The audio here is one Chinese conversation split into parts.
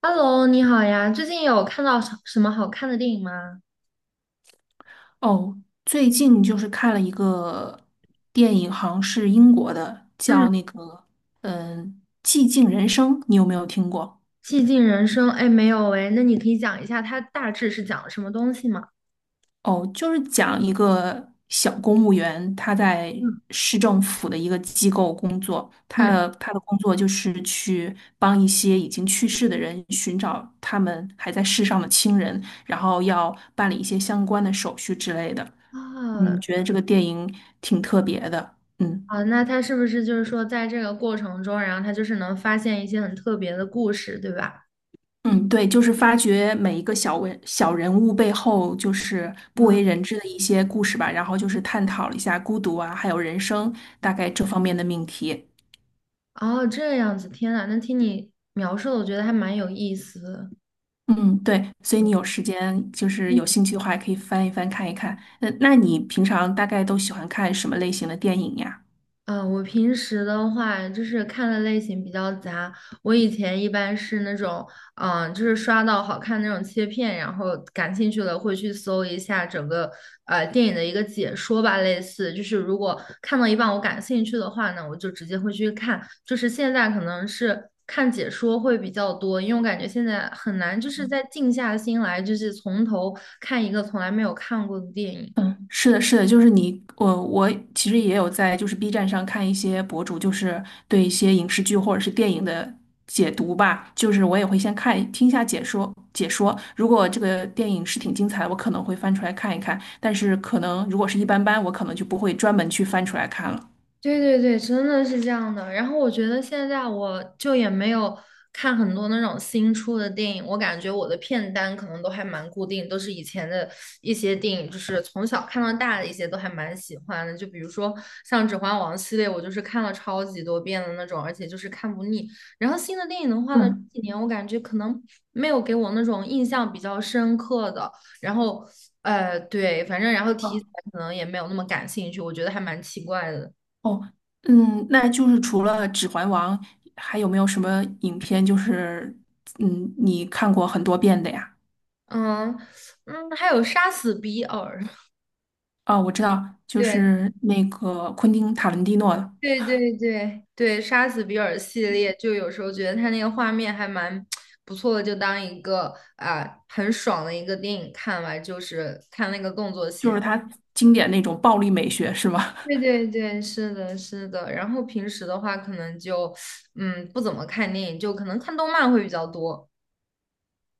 Hello，你好呀，最近有看到什么好看的电影吗？哦，最近就是看了一个电影，好像是英国的，叫嗯那个嗯《寂静人生》，你有没有听过？《寂静人生》哎，没有哎，那你可以讲一下它大致是讲了什么东西吗？哦，就是讲一个小公务员，他在嗯市政府的一个机构工作，他嗯。的他的工作就是去帮一些已经去世的人寻找他们还在世上的亲人，然后要办理一些相关的手续之类的。啊嗯，觉得这个电影挺特别的，嗯。啊，那它是不是就是说在这个过程中，然后它就是能发现一些很特别的故事，对吧？嗯，对，就是发掘每一个小人物背后就是不啊，为人知的一些故事吧，然后就是探讨了一下孤独啊，还有人生大概这方面的命题。哦，这样子，天呐，那听你描述的，我觉得还蛮有意思的。嗯，对，所以你有时间就是有兴趣的话，也可以翻一翻看一看。那你平常大概都喜欢看什么类型的电影呀？嗯，我平时的话就是看的类型比较杂。我以前一般是那种，就是刷到好看那种切片，然后感兴趣了会去搜一下整个电影的一个解说吧，类似就是如果看到一半我感兴趣的话呢，我就直接会去看。就是现在可能是看解说会比较多，因为我感觉现在很难就是再静下心来，就是从头看一个从来没有看过的电影。嗯，是的，是的，就是你，我其实也有在就是 B 站上看一些博主，就是对一些影视剧或者是电影的解读吧，就是我也会先听一下解说，如果这个电影是挺精彩的，我可能会翻出来看一看，但是可能如果是一般般，我可能就不会专门去翻出来看了。对对对，真的是这样的。然后我觉得现在我就也没有看很多那种新出的电影，我感觉我的片单可能都还蛮固定，都是以前的一些电影，就是从小看到大的一些都还蛮喜欢的。就比如说像《指环王》系列，我就是看了超级多遍的那种，而且就是看不腻。然后新的电影的话呢，嗯，这几年我感觉可能没有给我那种印象比较深刻的，然后对，反正然后题哦材可能也没有那么感兴趣，我觉得还蛮奇怪的。哦，嗯，那就是除了《指环王》，还有没有什么影片就是你看过很多遍的呀？嗯嗯，还有杀死比尔，啊，我知道，就对是那个昆汀塔伦蒂诺的，对对对对，杀死比尔系列，就有时候觉得他那个画面还蛮不错的，就当一个啊、很爽的一个电影看完，就是看那个动作戏就是还。他经典那种暴力美学，是吗？对对对，是的，是的。然后平时的话，可能就不怎么看电影，就可能看动漫会比较多。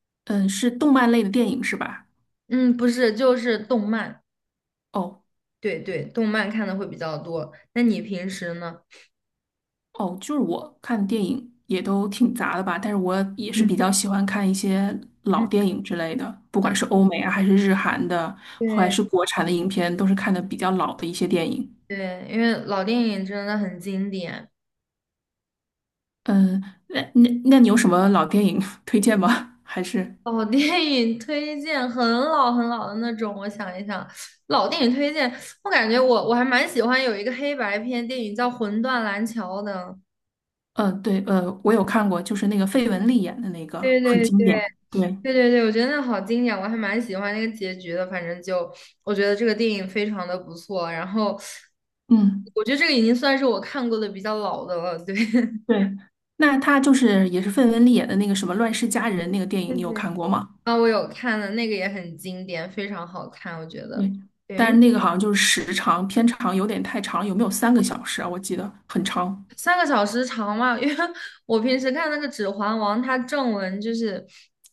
嗯，是动漫类的电影是吧？嗯，不是，就是动漫。哦对对，动漫看的会比较多。那你平时呢？哦，就是我看电影也都挺杂的吧，但是我也是嗯比较喜欢看一些嗯，老电影之类的，不啊，管是欧美啊，还是日韩的，还对。是国产的影片，都是看的比较老的一些电影。对，因为老电影真的很经典，嗯，那你有什么老电影 推荐吗？还是老电影推荐很老很老的那种。我想一想，老电影推荐，我感觉我还蛮喜欢有一个黑白片电影叫《魂断蓝桥》的。嗯，呃对，我有看过，就是那个费雯丽演的那个，对很对经对典。对。对对对，我觉得那好经典，我还蛮喜欢那个结局的。反正就我觉得这个电影非常的不错，然后嗯，我觉得这个已经算是我看过的比较老的了。对，对，那他就是也是费雯丽演的那个什么《乱世佳人》那个电影，对，谢你有谢。看过吗？啊，我有看的那个也很经典，非常好看，我觉得。对，对，因但是为那个好像就是时长偏长，有点太长了，有没有3个小时啊？我记得很长。三个小时长嘛，因为 我平时看那个《指环王》，它正文就是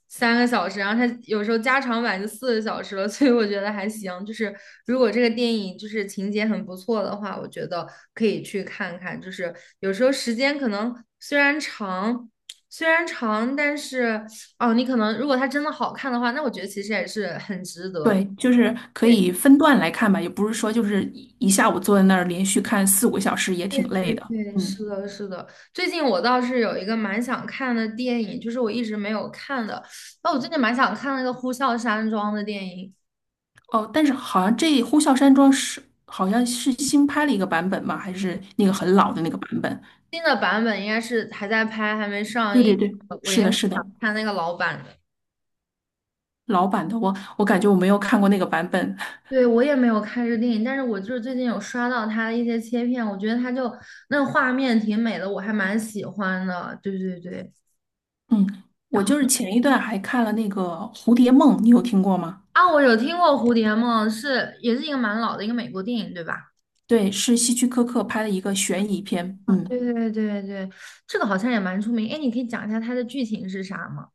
三个小时，然后它有时候加长版就四个小时了，所以我觉得还行。就是如果这个电影就是情节很不错的话，我觉得可以去看看。就是有时候时间可能虽然长，但是哦，你可能如果它真的好看的话，那我觉得其实也是很值得。对，就是可对以分段来看吧，也不是说就是一下午坐在那儿连续看四五个小时也挺对累对的。对，嗯，是的，是的。最近我倒是有一个蛮想看的电影，就是我一直没有看的。那我最近蛮想看那个《呼啸山庄》的电影，哦，但是好像这《呼啸山庄》是好像是新拍了一个版本吗？还是那个很老的那个版本？新的版本应该是还在拍，还没上对映。对对，我应是该的，是是想的，看那个老版的。老版的，我感觉我没有看过那个版本。对，我也没有看这个电影，但是我就是最近有刷到它的一些切片，我觉得它就那个画面挺美的，我还蛮喜欢的。对对对。嗯，我然就是后前一段还看了那个《蝴蝶梦》，你有听过吗？啊，我有听过《蝴蝶梦》，是也是一个蛮老的一个美国电影，对吧？对，是希区柯克拍的一个悬疑片。啊，嗯。对对对对，这个好像也蛮出名。哎，你可以讲一下它的剧情是啥吗？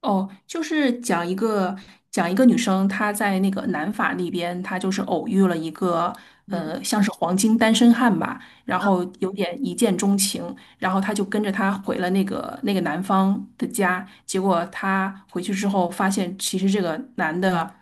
哦，就是讲一个女生，她在那个南法那边，她就是偶遇了一个嗯，像是黄金单身汉吧，然啊后有点一见钟情，然后她就跟着他回了那个男方的家，结果她回去之后发现，其实这个男的，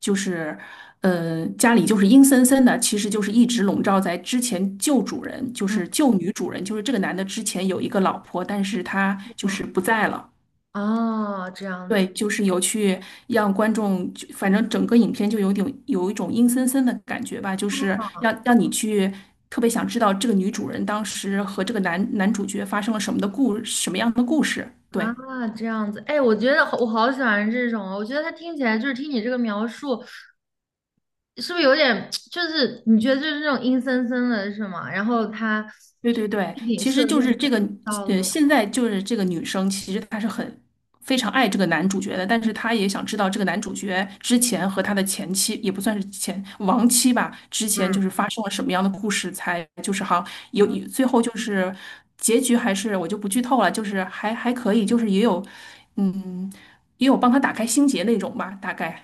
就是家里就是阴森森的，其实就是一直笼罩在之前旧主人，就是旧女主人，就是这个男的之前有一个老婆，但是他就是啊！不在了。哦，这样对，子就是有去让观众就，反正整个影片就有点有一种阴森森的感觉吧，就是让你去特别想知道这个女主人当时和这个男主角发生了什么样的故事。对。啊，这样子。哎，我觉得好我好喜欢这种哦我觉得它听起来就是听你这个描述，是不是有点 就是你觉得就是那种阴森森的是吗？然后它对就对是对，背景其实设就定是这也个，到了，现在就是这个女生，其实她是非常爱这个男主角的，但是她也想知道这个男主角之前和他的前妻，也不算是前亡妻吧，之前嗯。就是发生了什么样的故事，才就是好像有最后就是结局还是我就不剧透了，就是还可以，就是也有，嗯，也有帮他打开心结那种吧，大概。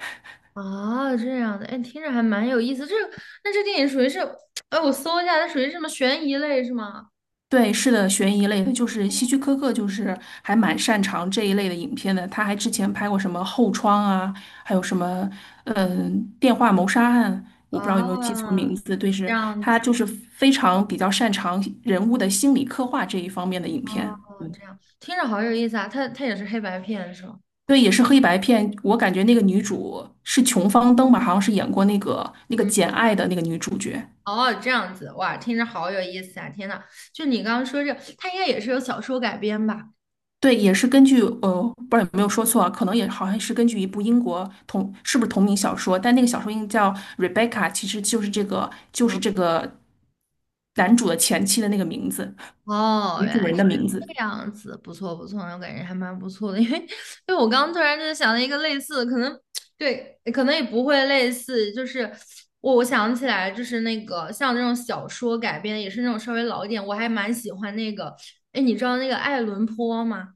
哦，这样的，哎，听着还蛮有意思。这个，那这电影属于是，哎，我搜一下，它属于什么悬疑类是吗？对，是的，悬疑类的，就是希区柯克，就是还蛮擅长这一类的影片的。他还之前拍过什么《后窗》啊，还有什么嗯、呃电话谋杀案，我不知道有没有记错啊，名字。对，这是样他子。就是非常比较擅长人物的心理刻画这一方面的影哦，片。这样听着好有意思啊！它它也是黑白片是吗？对，也是黑白片。我感觉那个女主是琼芳登吧，好像是演过那个嗯，《简爱》的那个女主角。哦，这样子哇，听着好有意思啊！天呐，就你刚刚说这个，它应该也是有小说改编吧？对，也是根据不知道有没有说错啊，可能也好像是根据一部英国是不是同名小说，但那个小说应该叫《Rebecca》,其实就是这个就是嗯，这个男主的前妻的那个名字，哦，女原主来人是的名这字。样子，不错不错，我感觉还蛮不错的，因为我刚刚突然就是想了一个类似的，可能对，可能也不会类似，就是我想起来就是那个像这种小说改编，也是那种稍微老一点，我还蛮喜欢那个，哎，你知道那个爱伦坡吗？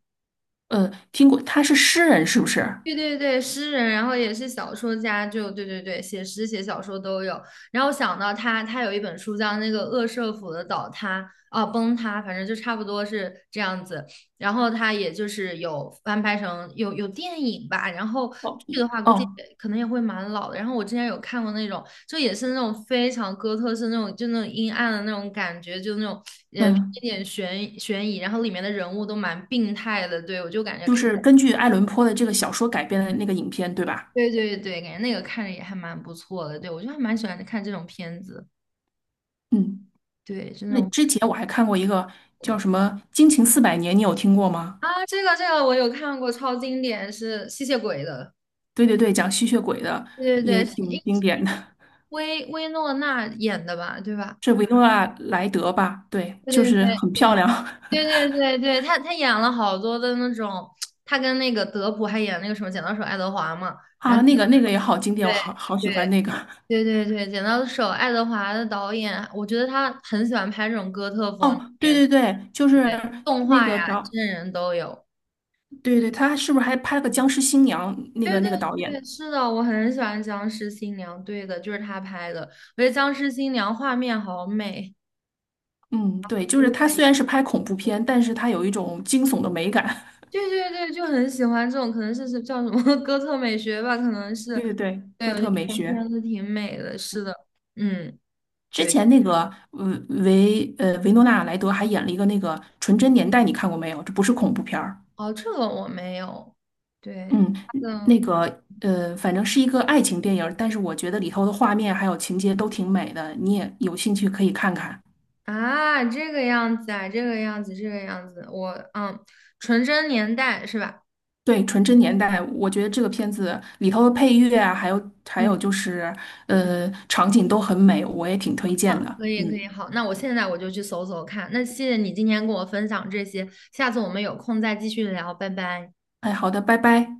听过，他是诗人是不是？对对对，诗人，然后也是小说家，就对对对，写诗写小说都有。然后我想到他，他有一本书叫那个《恶舍府的倒塌》啊，崩塌，反正就差不多是这样子。然后他也就是有翻拍成有电影吧，然后哦，剧的话估计哦，也可能也会蛮老的。然后我之前有看过那种，就也是那种非常哥特式那种，就那种阴暗的那种感觉，就那种偏一嗯，点悬疑，然后里面的人物都蛮病态的，对我就感觉就看。是根据爱伦坡的这个小说改编的那个影片，对吧？对对对，感觉那个看着也还蛮不错的。对，我就还蛮喜欢看这种片子。嗯，对，就那那种之前我还看过一个叫我，什么《惊情四百年》，你有听过吗？啊，这个这个我有看过，超经典，是吸血鬼的。对对对，讲吸血鬼的，对对也对，挺经典的。薇诺娜演的吧？对吧？是维诺纳莱德吧？对，对就对是对很漂对亮 对对对对，她演了好多的那种，她跟那个德普还演那个什么《剪刀手爱德华》嘛。然啊，后那个也好经典，对我好喜对欢那个。对对对，剪刀手爱德华的导演，我觉得他很喜欢拍这种哥特风的哦，对片子，对对，就对，是动那画呀、个导，真人都有。对对，他是不是还拍了个《僵尸新娘》？那对个对那个导演，对，是的，我很喜欢《僵尸新娘》，对的，就是他拍的。我觉得《僵尸新娘》画面好美，嗯，对，就是他虽然对是拍恐怖片，但是他有一种惊悚的美感。对对，对就很喜欢这种，可能是是叫什么 哥特美学吧，可能 是。对对对，对，哥我觉得特美这种学。片子挺美的，是的，嗯，之对，前那个呃维诺纳莱德还演了一个那个《纯真年代》，你看过没有？这不是恐怖片儿。哦，这个我没有，对，嗯，他的。那个反正是一个爱情电影儿，但是我觉得里头的画面还有情节都挺美的，你也有兴趣可以看看。啊，这个样子啊，这个样子，这个样子，纯真年代是吧？对，《纯真年代》，我觉得这个片子里头的配乐啊，还有嗯就是嗯，场景都很美，我也挺推荐好，的。可以可嗯，以，好，那我现在我就去搜搜看。那谢谢你今天跟我分享这些，下次我们有空再继续聊，拜拜。哎，好的，拜拜。